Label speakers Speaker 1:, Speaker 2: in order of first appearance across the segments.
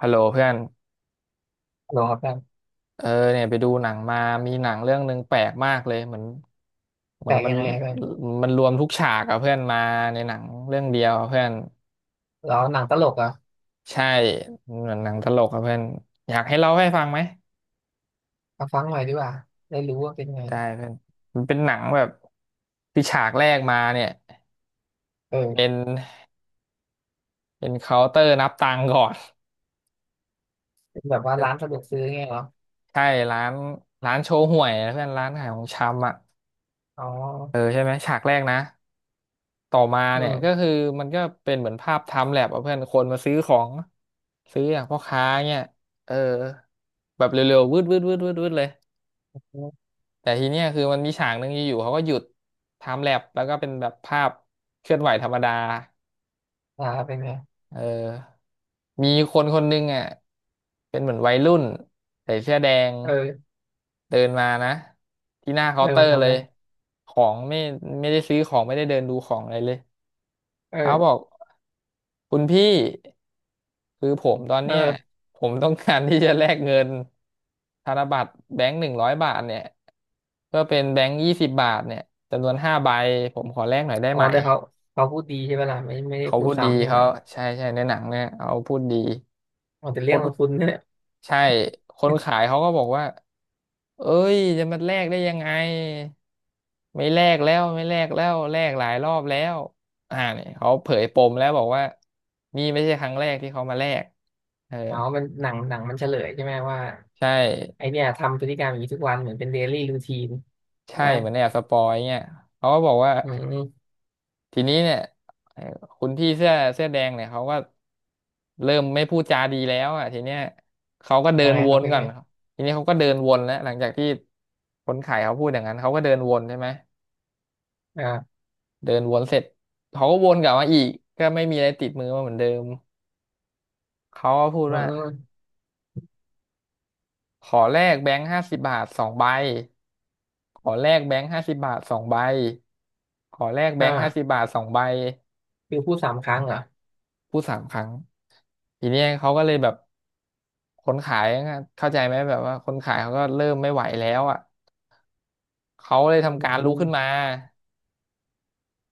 Speaker 1: ฮัลโหลเพื่อน
Speaker 2: โหลครับแฟน
Speaker 1: เออเนี่ยไปดูหนังมามีหนังเรื่องหนึ่งแปลกมากเลยเหมือนเหมื
Speaker 2: แป
Speaker 1: อ
Speaker 2: ล
Speaker 1: น
Speaker 2: ก
Speaker 1: มั
Speaker 2: ยั
Speaker 1: น
Speaker 2: งไงอะแฟน
Speaker 1: มันรวมทุกฉากอะเพื่อนมาในหนังเรื่องเดียวอะเพื่อน
Speaker 2: เราหนังตลกเหรอ่ะ
Speaker 1: ใช่เหมือนหนังตลกอะเพื่อนอยากให้เล่าให้ฟังไหม
Speaker 2: มาฟังหน่อยดีกว่าได้รู้ว่าเป็นไง
Speaker 1: ได้เพื่อนมันเป็นหนังแบบที่ฉากแรกมาเนี่ยเป็
Speaker 2: เออ
Speaker 1: นเป็นเคาน์เตอร์นับตังค์ก่อน
Speaker 2: เป็นแบบว่าร้านสะดวกซื้อไงเหรอ
Speaker 1: ใช่ร้านร้านโชว์ห่วยนะเพื่อนร้านขายของชำอ่ะ
Speaker 2: อ๋อ
Speaker 1: เออใช่ไหมฉากแรกนะ ต่อมา
Speaker 2: อื
Speaker 1: เนี่ยก็
Speaker 2: ม
Speaker 1: คือมันก็เป็นเหมือนภาพไทม์แลปอะเพื่อนคนมาซื้อของซื้ออย่างพ่อค้าเนี่ยเออแบบเร็วๆวืดวืดวืดวืดวืดเลยแต่ทีเนี้ยคือมันมีฉากหนึ่งอยู่ๆเขาก็หยุดไทม์แลปแล้วก็เป็นแบบภาพเคลื่อนไหวธรรมดา
Speaker 2: อ่าเป็นไง
Speaker 1: เออมีคนคนหนึ่งอ่ะเป็นเหมือนวัยรุ่นใส่เสื้อแดง
Speaker 2: เออ
Speaker 1: เดินมานะที่หน้า
Speaker 2: เอ
Speaker 1: เคา
Speaker 2: อ
Speaker 1: น์เตอ
Speaker 2: มัน
Speaker 1: ร์
Speaker 2: ทำ
Speaker 1: เล
Speaker 2: อะไร
Speaker 1: ยของไม่ได้ซื้อของไม่ได้เดินดูของอะไรเลย เขาบ
Speaker 2: เออ
Speaker 1: อกคุณพี่คือผมตอนเนี้ย
Speaker 2: เออ
Speaker 1: ผมต้องการที่จะแลกเงินธนบัตรแบงค์หนึ่งร้อยบาทเนี่ยก็เป็นแบงค์ยี่สิบบาทเนี่ยจำนวนห้าใบผมขอแลกหน่อยได้
Speaker 2: อ๋อ
Speaker 1: ไหม
Speaker 2: แต่เขาเขาพูดดีใช่ไหมล่ะไม่ได้
Speaker 1: เขา
Speaker 2: พู
Speaker 1: พู
Speaker 2: ด
Speaker 1: ดดี
Speaker 2: ซ้ำใช่ไหม
Speaker 1: เขาใช่ใช่ในหนังเนี่ยเขาพูดดี
Speaker 2: อ๋อแต่
Speaker 1: ค
Speaker 2: เรื่องมัน
Speaker 1: น
Speaker 2: คุ้นเนี่ย
Speaker 1: ใช่คนขายเขาก็บอกว่าเอ้ยจะมาแลกได้ยังไง ไม่แลกแล้วไม่แลกแล้วแลกหลายรอบแล้วอ่าเนี่ยเขาเผยปมแล้วบอกว่านี่ไม่ใช่ครั้งแรกที่เขามาแลกเออ
Speaker 2: อ๋อมันหนังมันเฉลยใช่ไหมว่า
Speaker 1: ใช่
Speaker 2: ไอเนี่ยทำพฤติกรรมอย่างนี้ทุกวันเหมือนเป็นเดลี่รูทีนใช่
Speaker 1: ใช่
Speaker 2: ไหม
Speaker 1: เหมือนแอบสปอยเงี่ยเขาก็บอกว่า
Speaker 2: อืม
Speaker 1: ทีนี้เนี่ยเอ่อคุณพี่เสื้อแดงเนี่ยเขาก็เริ่มไม่พูดจาดีแล้วอ่ะทีเนี้ยเขาก็เดิ
Speaker 2: ยัง
Speaker 1: น
Speaker 2: ไง
Speaker 1: ว
Speaker 2: ครับ
Speaker 1: น
Speaker 2: เป็น
Speaker 1: ก่อน
Speaker 2: ไง
Speaker 1: ทีนี้เขาก็เดินวนแล้วหลังจากที่คนขายเขาพูดอย่างนั้นเขาก็เดินวนใช่ไหม
Speaker 2: อ่า
Speaker 1: เดินวนเสร็จเขาก็วนกลับมาอีกก็ไม่มีอะไรติดมือมาเหมือนเดิมเขาก็พูด
Speaker 2: อื
Speaker 1: ว่า
Speaker 2: ม
Speaker 1: ขอแลกแบงค์ห้าสิบบาทสองใบขอแลกแบงค์ห้าสิบบาทสองใบขอแลก
Speaker 2: อ
Speaker 1: แบงค์ห้าสิบ
Speaker 2: ่า
Speaker 1: บาทสองใบ
Speaker 2: คือพูดสามครั้งเหรอ
Speaker 1: พูดสามครั้งทีเนี้ยเขาก็เลยแบบคนขายอะเข้าใจไหมแบบว่าคนขายเขาก็เริ่มไม่ไหวแล้วอ่ะเขาเลยทำ
Speaker 2: อื
Speaker 1: การลุกขึ้นมา
Speaker 2: ม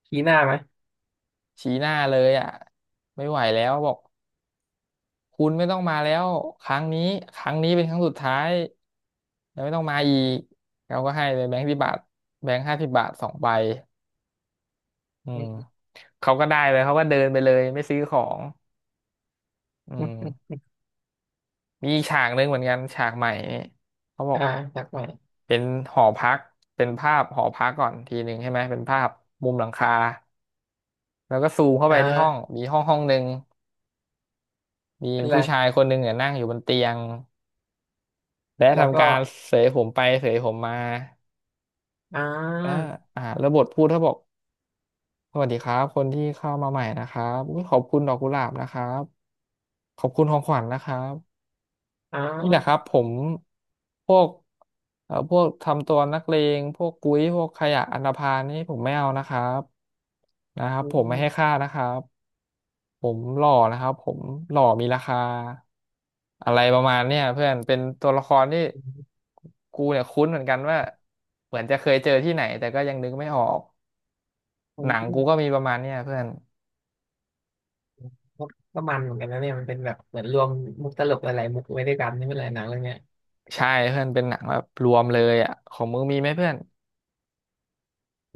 Speaker 2: ชี้หน้าไหม
Speaker 1: ชี้หน้าเลยอ่ะไม่ไหวแล้วบอกคุณไม่ต้องมาแล้วครั้งนี้ครั้งนี้เป็นครั้งสุดท้ายแล้วไม่ต้องมาอีกเขาก็ให้ไปแบงค์สิบบาทแบงค์ห้าสิบบาทสองใบอื
Speaker 2: อื
Speaker 1: ม
Speaker 2: ม
Speaker 1: เขาก็ได้เลยเขาก็เดินไปเลยไม่ซื้อของอืมมีอีกฉากหนึ่งเหมือนกันฉากใหม่นี่เขาบอ
Speaker 2: อ่า
Speaker 1: ก
Speaker 2: จากใหม่
Speaker 1: เป็นหอพักเป็นภาพหอพักก่อนทีหนึ่งใช่ไหมเป็นภาพมุมหลังคาแล้วก็ซูมเข้าไป
Speaker 2: อ่
Speaker 1: ที่ห้อง
Speaker 2: า
Speaker 1: มีห้องหนึ่งมี
Speaker 2: เป็นไร
Speaker 1: ผู้ชายคนหนึ่งเนี่ยนั่งอยู่บนเตียงและ
Speaker 2: แล้วก็
Speaker 1: ทำการเสยผมไปเสยผมมา
Speaker 2: อ่
Speaker 1: อ่า
Speaker 2: า
Speaker 1: แล้วบทพูดเขาบอกสวัสดีครับคนที่เข้ามาใหม่นะครับอุ๊ยขอบคุณดอกกุหลาบนะครับขอบคุณของขวัญนะครับ
Speaker 2: อ่
Speaker 1: นี่แหละครับ
Speaker 2: า
Speaker 1: ผมพวกพวกทำตัวนักเลงพวกกุ้ยพวกขยะอันธพาลนี่ผมไม่เอานะครับนะครับ
Speaker 2: อื
Speaker 1: ผมไม่
Speaker 2: ม
Speaker 1: ให้ค่านะครับผมหล่อนะครับผมหล่อมีราคาอะไรประมาณเนี่ยเพื่อนเป็นตัวละครที่
Speaker 2: อืม
Speaker 1: กูเนี่ยคุ้นเหมือนกันว่าเหมือนจะเคยเจอที่ไหนแต่ก็ยังนึกไม่ออก
Speaker 2: อื
Speaker 1: หนังกูก็
Speaker 2: ม
Speaker 1: มีประมาณเนี่ยเพื่อน
Speaker 2: ก็มันเหมือนกันนะเนี่ยมันเป็นแบบเหมือนรวมมุกตลกหลายๆมุกไว้ด้วยกันนี่เป็นไรหนังเรื่องเนี้ย
Speaker 1: ใช่เพื่อนเป็นหนังแบบรวมเลยอ่ะของมึงมีไหมเพื่อน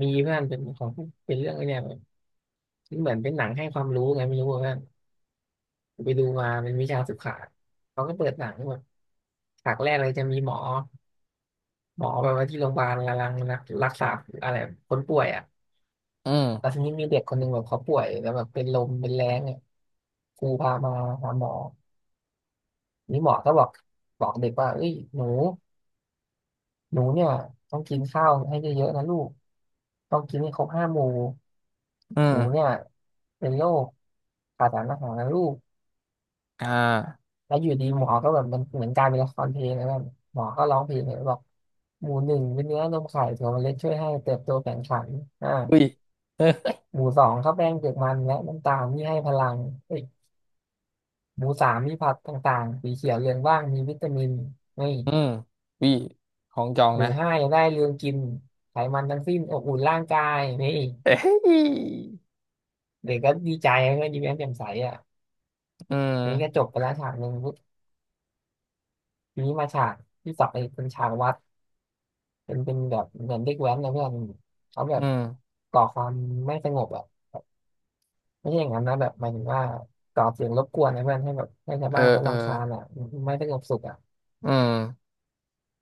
Speaker 2: มีเพื่อนเป็นของเป็นเรื่องไอ้เนี่ยมันเหมือนเป็นหนังให้ความรู้ไงไม่รู้ว่าเพื่อนไปดูมาเป็นวิชาศึกษาเขาก็เปิดหนังแบบฉากแรกเลยจะมีหมอหมอแบบว่าที่โรงพยาบาลกำลังรักษาอะไรคนป่วยอ่ะ
Speaker 1: อืม
Speaker 2: แต่ทีนี้มีเด็กคนหนึ่งแบบเขาป่วยแล้วแบบเป็นลมเป็นแรงเนี่ยครูพามาหาหมอนี่หมอก็บอกบอกเด็กว่าเอ้ยหนูหนูเนี่ยต้องกินข้าวให้เยอะๆนะลูกต้องกินให้ครบห้าหมู่
Speaker 1: อื
Speaker 2: หนู
Speaker 1: ม
Speaker 2: เนี่ยเป็นโรคขาดสารอาหารนะลูก
Speaker 1: อ่า
Speaker 2: แล้วอยู่ดีหมอก็แบบมันเหมือนกลารเป็นละครเพลงนะแบบหมอก็ร้องเพลงเลยบอกหมู่หนึ่งเป็นเนื้อนมไข่ถั่วเมล็ดช่วยให้เติบโตแข็งขันอ่า
Speaker 1: อุ้ยเออ
Speaker 2: หมู่สองข้าวแป้งเปลือกมันและน้ำตาลที่ให้พลังเอ้ย หมูสามมีผักต่างๆสีเขียวเรืองว่างมีวิตามินนี่
Speaker 1: อืมอุ้ยของจอง
Speaker 2: หนู
Speaker 1: นะ
Speaker 2: ห้ายังได้เรืองกินไขมันทั้งสิ้นอบอุ่นร่างกายนี่
Speaker 1: เอ้ย
Speaker 2: เด็กก็ดีใจก็ยิ้มแย้มแจ่มใสอ่ะ
Speaker 1: อื
Speaker 2: อันนี้ก็จ
Speaker 1: ม
Speaker 2: บไปแล้วฉากหนึ่งปุ๊บทีนี้มาฉากที่สองไอ้เป็นฉากวัดเป็นแบบเหมือนเด็กแว้นนะเพื่อนเขาแบ
Speaker 1: อื
Speaker 2: บ
Speaker 1: ม
Speaker 2: ก่อความไม่สงบอ่ะไม่ใช่อย่างนั้นนะแบบหมายถึงว่าก่อเสียงรบกวนนะเพื่อนให้แบบให้ชาว
Speaker 1: เอ
Speaker 2: บ้าน
Speaker 1: อ
Speaker 2: เขา
Speaker 1: เออ
Speaker 2: รำคาญอ่ะไม่สงบสุขอ่ะ
Speaker 1: อืม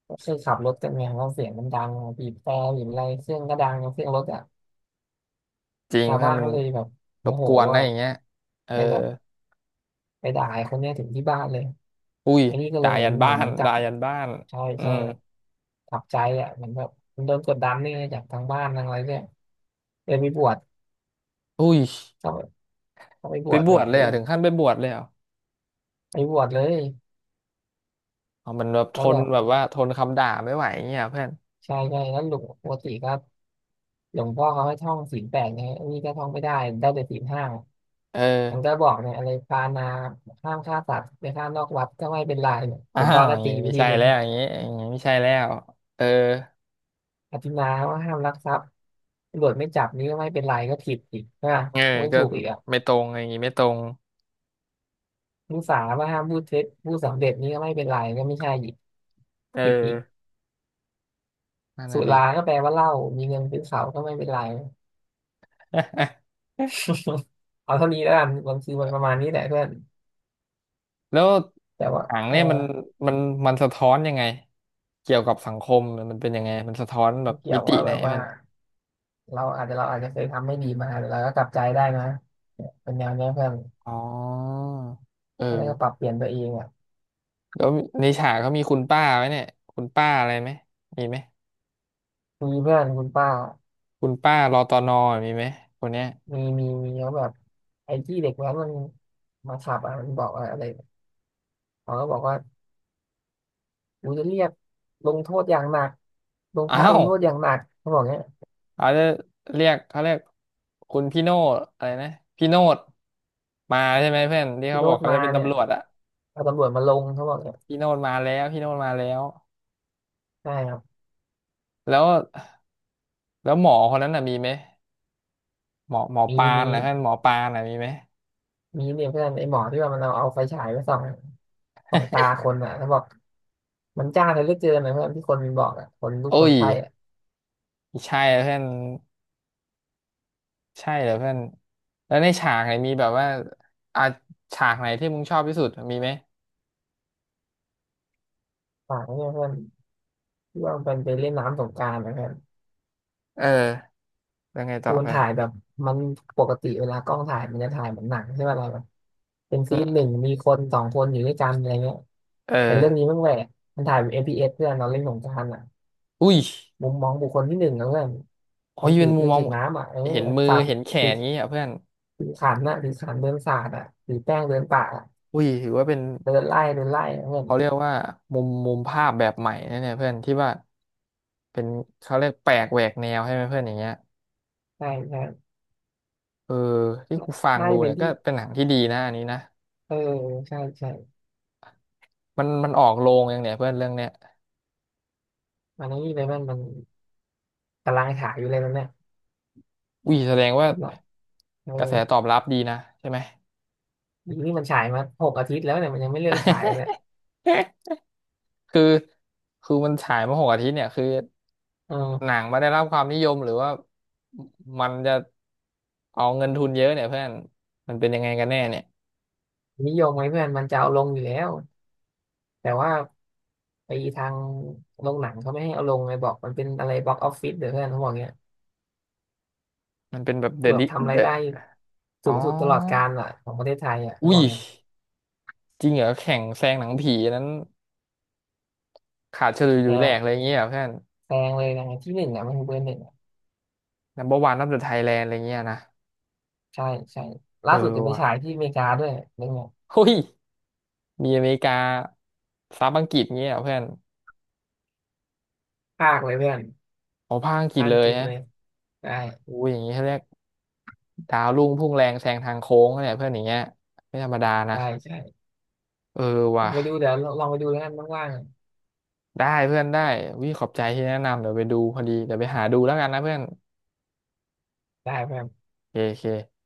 Speaker 2: ก็คือขับรถกันไงเพราะเสียงมันดังบีบแตรบีบอะไรเสียงก็ดังเสียงรถอ่ะ
Speaker 1: จริง
Speaker 2: ชาว
Speaker 1: เพื่อ
Speaker 2: บ้า
Speaker 1: น
Speaker 2: น
Speaker 1: มัน
Speaker 2: เขาเลยแบบ
Speaker 1: ร
Speaker 2: โม
Speaker 1: บ
Speaker 2: โห
Speaker 1: กวนนะ
Speaker 2: อะ
Speaker 1: อย่างเงี้ยเออ
Speaker 2: ไปแบบไปด่าไอ้คนเนี้ยถึงที่บ้านเลย
Speaker 1: อุ้ย
Speaker 2: อันนี้ก็เล
Speaker 1: ด่า
Speaker 2: ยเหมือ
Speaker 1: ยั
Speaker 2: น
Speaker 1: น
Speaker 2: เห
Speaker 1: บ้า
Speaker 2: มือนเห
Speaker 1: น
Speaker 2: มือนจับ
Speaker 1: ด่ายันบ้าน
Speaker 2: ใช่
Speaker 1: อื
Speaker 2: ใช่
Speaker 1: ม
Speaker 2: แบบขับใจอ่ะเหมือนแบบมันโดนกดดันนี่จากทางบ้านทางอะไรเนี่ยเลยไปบวช
Speaker 1: อุ้ย
Speaker 2: เขาเขาไปบ
Speaker 1: ไป
Speaker 2: วช
Speaker 1: บ
Speaker 2: แบ
Speaker 1: วช
Speaker 2: บ
Speaker 1: เลย
Speaker 2: เฮ้
Speaker 1: เหร
Speaker 2: ย
Speaker 1: อ่ะถึงขั้นไปบวชเลยเหรอ่ะ
Speaker 2: ไปบวชเลย
Speaker 1: อ๋อมันแบบท
Speaker 2: แล้ว
Speaker 1: น
Speaker 2: แบบ
Speaker 1: แบบว่าทนคำด่าไม่ไหวอย่างเงี้ยเพื่อน
Speaker 2: ใช่ใช่แล้วหลวงปกติก็หลวงพ่อเขาให้ท่องศีลแปดไงอันนี้ก็ท่องไม่ได้ได้แต่ศีลห้า
Speaker 1: เออ
Speaker 2: มันก็บอกเนี่ยอะไรปานาห้ามฆ่าสัตว์ไปฆ่านอกวัดก็ไม่เป็นไรหล
Speaker 1: อ้า
Speaker 2: วงพ่อ
Speaker 1: ว
Speaker 2: ก็
Speaker 1: อย่าง
Speaker 2: ตี
Speaker 1: งี้
Speaker 2: ไป
Speaker 1: ไม่
Speaker 2: ที
Speaker 1: ใช่
Speaker 2: หนึ่ง
Speaker 1: แล้วอย่างงี้อย่างงี้ไม่ใช่แล้วเออ
Speaker 2: อธินาว่าห้ามลักทรัพย์ ตำรวจไม่จับนี่ก็ไม่เป็นไรก็ผิดอีกนะ
Speaker 1: เออ
Speaker 2: ไม่
Speaker 1: ก็
Speaker 2: ถูกอีกอ่ะ
Speaker 1: ไม่ตรงอย่างงี้ไม่ตรง
Speaker 2: ผู้สาว่าห้ามพูดเท็จผู้สำเร็จนี่ก็ไม่เป็นไรก็ไม่ใช่อีก
Speaker 1: เออ
Speaker 2: ผิดอีก
Speaker 1: นั่น
Speaker 2: สุ
Speaker 1: น่ะดิ
Speaker 2: ราก็แปลว่าเหล้ามีเงินซื้อเขาก็ไม่เป็นไร เอาเท่านี้แล้วกันบางทีมันประมาณนี้แหละเพื่อน
Speaker 1: แล้ว
Speaker 2: แต่ว่า
Speaker 1: หนัง
Speaker 2: เออ
Speaker 1: เนี่ยมันมันสะท้อนยังไงเกี่ยวกับสังคมมันเป็นยังไงมันสะท้อนแบ
Speaker 2: มั
Speaker 1: บ
Speaker 2: นเกี่
Speaker 1: มิ
Speaker 2: ยว
Speaker 1: ติ
Speaker 2: ว่า
Speaker 1: ไหน
Speaker 2: แบบ
Speaker 1: เพื่
Speaker 2: ว่า
Speaker 1: อน
Speaker 2: เราอาจจะเคยทำไม่ดีมาแต่เราก็กลับใจได้นะเนี่ยเป็นแนวเนี้ยเพื่อน
Speaker 1: อ๋อเออ
Speaker 2: ก็ได้วก็ปรับเปลี่ยนตัวเองอ่ะ
Speaker 1: แล้วในฉากเขามีคุณป้าไหมเนี่ยคุณป้าอะไรไหมมีไหม
Speaker 2: คุยเพื่อนคุณป้า
Speaker 1: คุณป้ารอตอนอมีไหมคนเนี้ย
Speaker 2: มีเขาแบบไอ้ที่เด็กแว้นมันมาขับอ่ะมันบอกว่าอะไรเขาก็บอกว่า โอ้จะเรียกลงโทษอย่างหนักลงพ
Speaker 1: อ้า
Speaker 2: ระล
Speaker 1: ว
Speaker 2: งโทษอย่างหนักเขาบอกเนี้ย
Speaker 1: เขาจะเรียกเขาเรียกคุณพี่โนดอะไรนะพี่โนดมาใช่ไหมเพื่อนที่
Speaker 2: พี่
Speaker 1: เขา
Speaker 2: โร
Speaker 1: บอก
Speaker 2: ด
Speaker 1: เขา
Speaker 2: มา
Speaker 1: จะเป็น
Speaker 2: เนี่ย
Speaker 1: ตำรวจอะ
Speaker 2: เอาตำรวจมาลงเขาบอกเนี้ย
Speaker 1: พี่โนดมาแล้วพี่โนดมาแล้ว
Speaker 2: ใช่ครับ
Speaker 1: แล้วแล้วหมอคนนั้นน่ะมีไหม หมอ
Speaker 2: มี
Speaker 1: ปาน
Speaker 2: มี
Speaker 1: นะเพื่อนหมอปานนะมีไหม
Speaker 2: มีเนี่ยเพื่อนไอ้หมอที่ว่ามันเอาไฟฉายไปส่องส่องตาคนอ่ะเขาบอกมันจ้าเลยเหลือเกินนะเพื่อนที่คนมันบอกอ่ะคนทุกค
Speaker 1: โอ้
Speaker 2: น
Speaker 1: ย
Speaker 2: ไข้อ่ะ
Speaker 1: ใช่เหรอเพื่อนใช่เหรอเพื่อนแล้วในฉากไหนมีแบบว่าอ่ะฉากไหนที่มึงชอบที่สุดมีไหม
Speaker 2: ฝากไว้เนี่ยเพื่อนที่ว่ามันเป็นไปเล่นน้ำสงกรานต์นะเพื่อน
Speaker 1: เออแล้วไงต่
Speaker 2: คื
Speaker 1: อ
Speaker 2: อมัน
Speaker 1: เพื่อน
Speaker 2: ถ่ายแบบมันปกติเวลากล้องถ่ายมันจะถ่ายเหมือนหนังใช่ไหมเราแบบเป็น
Speaker 1: อื
Speaker 2: ซีนห
Speaker 1: ม
Speaker 2: นึ่งมีคนสองคนอยู่ด้วยกันอะไรเงี้ย
Speaker 1: เออ
Speaker 2: แต่เรื่องนี้มันแหวกมันถ่ายแบบ FPS เอสเพื่อนเราเล่นสงครามอ่ะ
Speaker 1: อุ้ย
Speaker 2: มุมมองบุคคลที่หนึ่งนะเพื่อน
Speaker 1: โอ้
Speaker 2: มัน
Speaker 1: ย
Speaker 2: ถื
Speaker 1: เป็
Speaker 2: อ
Speaker 1: น
Speaker 2: เค
Speaker 1: มุม
Speaker 2: รื่อง
Speaker 1: มอง
Speaker 2: ฉีดน้ำอ่ะเออ
Speaker 1: เห็น
Speaker 2: แบบ
Speaker 1: มือ
Speaker 2: สาด
Speaker 1: เห็นแข
Speaker 2: ถื
Speaker 1: น
Speaker 2: อ
Speaker 1: งี้อ่ะเพื่อน
Speaker 2: ถือขันน่ะถือขันเดินสาดอ่ะถือแป้งเดินป่าอะ
Speaker 1: อุ้ยถือว่าเป็น
Speaker 2: เดินไล่อะเพื่อน
Speaker 1: เขาเรียกว่ามุมภาพแบบใหม่นะเนี่ยเพื่อนที่ว่าเป็นเขาเรียกแปลกแหวกแนวใช่ไหมเพื่อนอย่างเงี้ย
Speaker 2: ใช่ใช่
Speaker 1: เออที่
Speaker 2: น่า
Speaker 1: กูฟัง
Speaker 2: น่า
Speaker 1: ดู
Speaker 2: จะเป็
Speaker 1: เนี่
Speaker 2: น
Speaker 1: ยก็
Speaker 2: ที่
Speaker 1: เป็นหนังที่ดีนะอันนี้นะ
Speaker 2: เออใช่ใช่
Speaker 1: มันออกโรงยังเนี่ยเพื่อนเรื่องเนี้ย
Speaker 2: มันนี่เลยมันมันกำลังถ่ายอยู่เลยมันเนี่ย
Speaker 1: อุ้ยแสดงว่า
Speaker 2: เป็นหลักเออ
Speaker 1: กระแสตอบรับดีนะใช่ไหม
Speaker 2: นี่มันฉายมาหกอาทิตย์แล้วเนี่ยมันยังไม่เลิกฉายเลย
Speaker 1: คือคือมันฉายมาหกอาทิตย์เนี่ยคือ
Speaker 2: เอ
Speaker 1: หนั
Speaker 2: อ
Speaker 1: งมาได้รับความนิยมหรือว่ามันจะเอาเงินทุนเยอะเนี่ยเพื่อนมันเป็นยังไงกันแน่เนี่ย
Speaker 2: นิยมไหมเพื่อนมันจะเอาลงอยู่แล้วแต่ว่าไอ้ทางโรงหนังเขาไม่ให้เอาลงไงบอกมันเป็นอะไรบ็อกออฟฟิศเดี๋ยวเพื่อนเขาบอกเงี้ย
Speaker 1: มันเป็นแบบเดอะ
Speaker 2: แบบ
Speaker 1: ดิ
Speaker 2: ทำ
Speaker 1: เด
Speaker 2: ราย
Speaker 1: อะ
Speaker 2: ได้
Speaker 1: อ๋
Speaker 2: สู
Speaker 1: อ
Speaker 2: งสุดตลอดกาลอ่ะของประเทศไทยอ่ะเขา
Speaker 1: อุ้
Speaker 2: บอ
Speaker 1: ย
Speaker 2: กเงี้ย
Speaker 1: จริงเหรอแข่งแซงหนังผีอันนั้นขาดเฉลุยห
Speaker 2: แพ
Speaker 1: ลุยแหลกอะไร
Speaker 2: ง
Speaker 1: อย่างเงี้ยเหรอเพื่อน
Speaker 2: แพงเลยนะที่หนึ่งอ่ะมันคือเบอร์หนึ่งอะ
Speaker 1: นัมเบอร์วันนับเดอะไทยแลนด์อะไรเงี้ยนะ
Speaker 2: ใช่ใช่
Speaker 1: เอ
Speaker 2: ล่า
Speaker 1: อ
Speaker 2: สุดจะไป
Speaker 1: ว่ะ
Speaker 2: ฉายที่อเมริกาด้วยเรื่องเนี้ย
Speaker 1: เฮ้ย มีอเมริกาซับอังกฤษเงี้ยเหรอเพื่อน
Speaker 2: ภาคเลยเพื่อน
Speaker 1: โอ้ภาคอังกฤษ
Speaker 2: ภาค
Speaker 1: เล
Speaker 2: อัง
Speaker 1: ย
Speaker 2: กฤษ
Speaker 1: ฮะ
Speaker 2: เลยได้
Speaker 1: อู้ยอย่างนี้เขาเรียกดาวรุ่งพุ่งแรงแซงทางโค้งเนี่ยเพื่อนอย่างเงี้ยไม่ธรรมดานะ
Speaker 2: ได้ใช่
Speaker 1: เออ
Speaker 2: ลอ
Speaker 1: ว่ะ
Speaker 2: งไปดูเดี๋ยวลองไปดูแล้วกันว่าง
Speaker 1: ได้เพื่อนวิขอบใจที่แนะนำเดี๋ยวไปดูพอดีเดี๋ยวไปหาดูแล้วกันนะเพื่อน
Speaker 2: ๆได้เพื่อน
Speaker 1: โอเคโอเค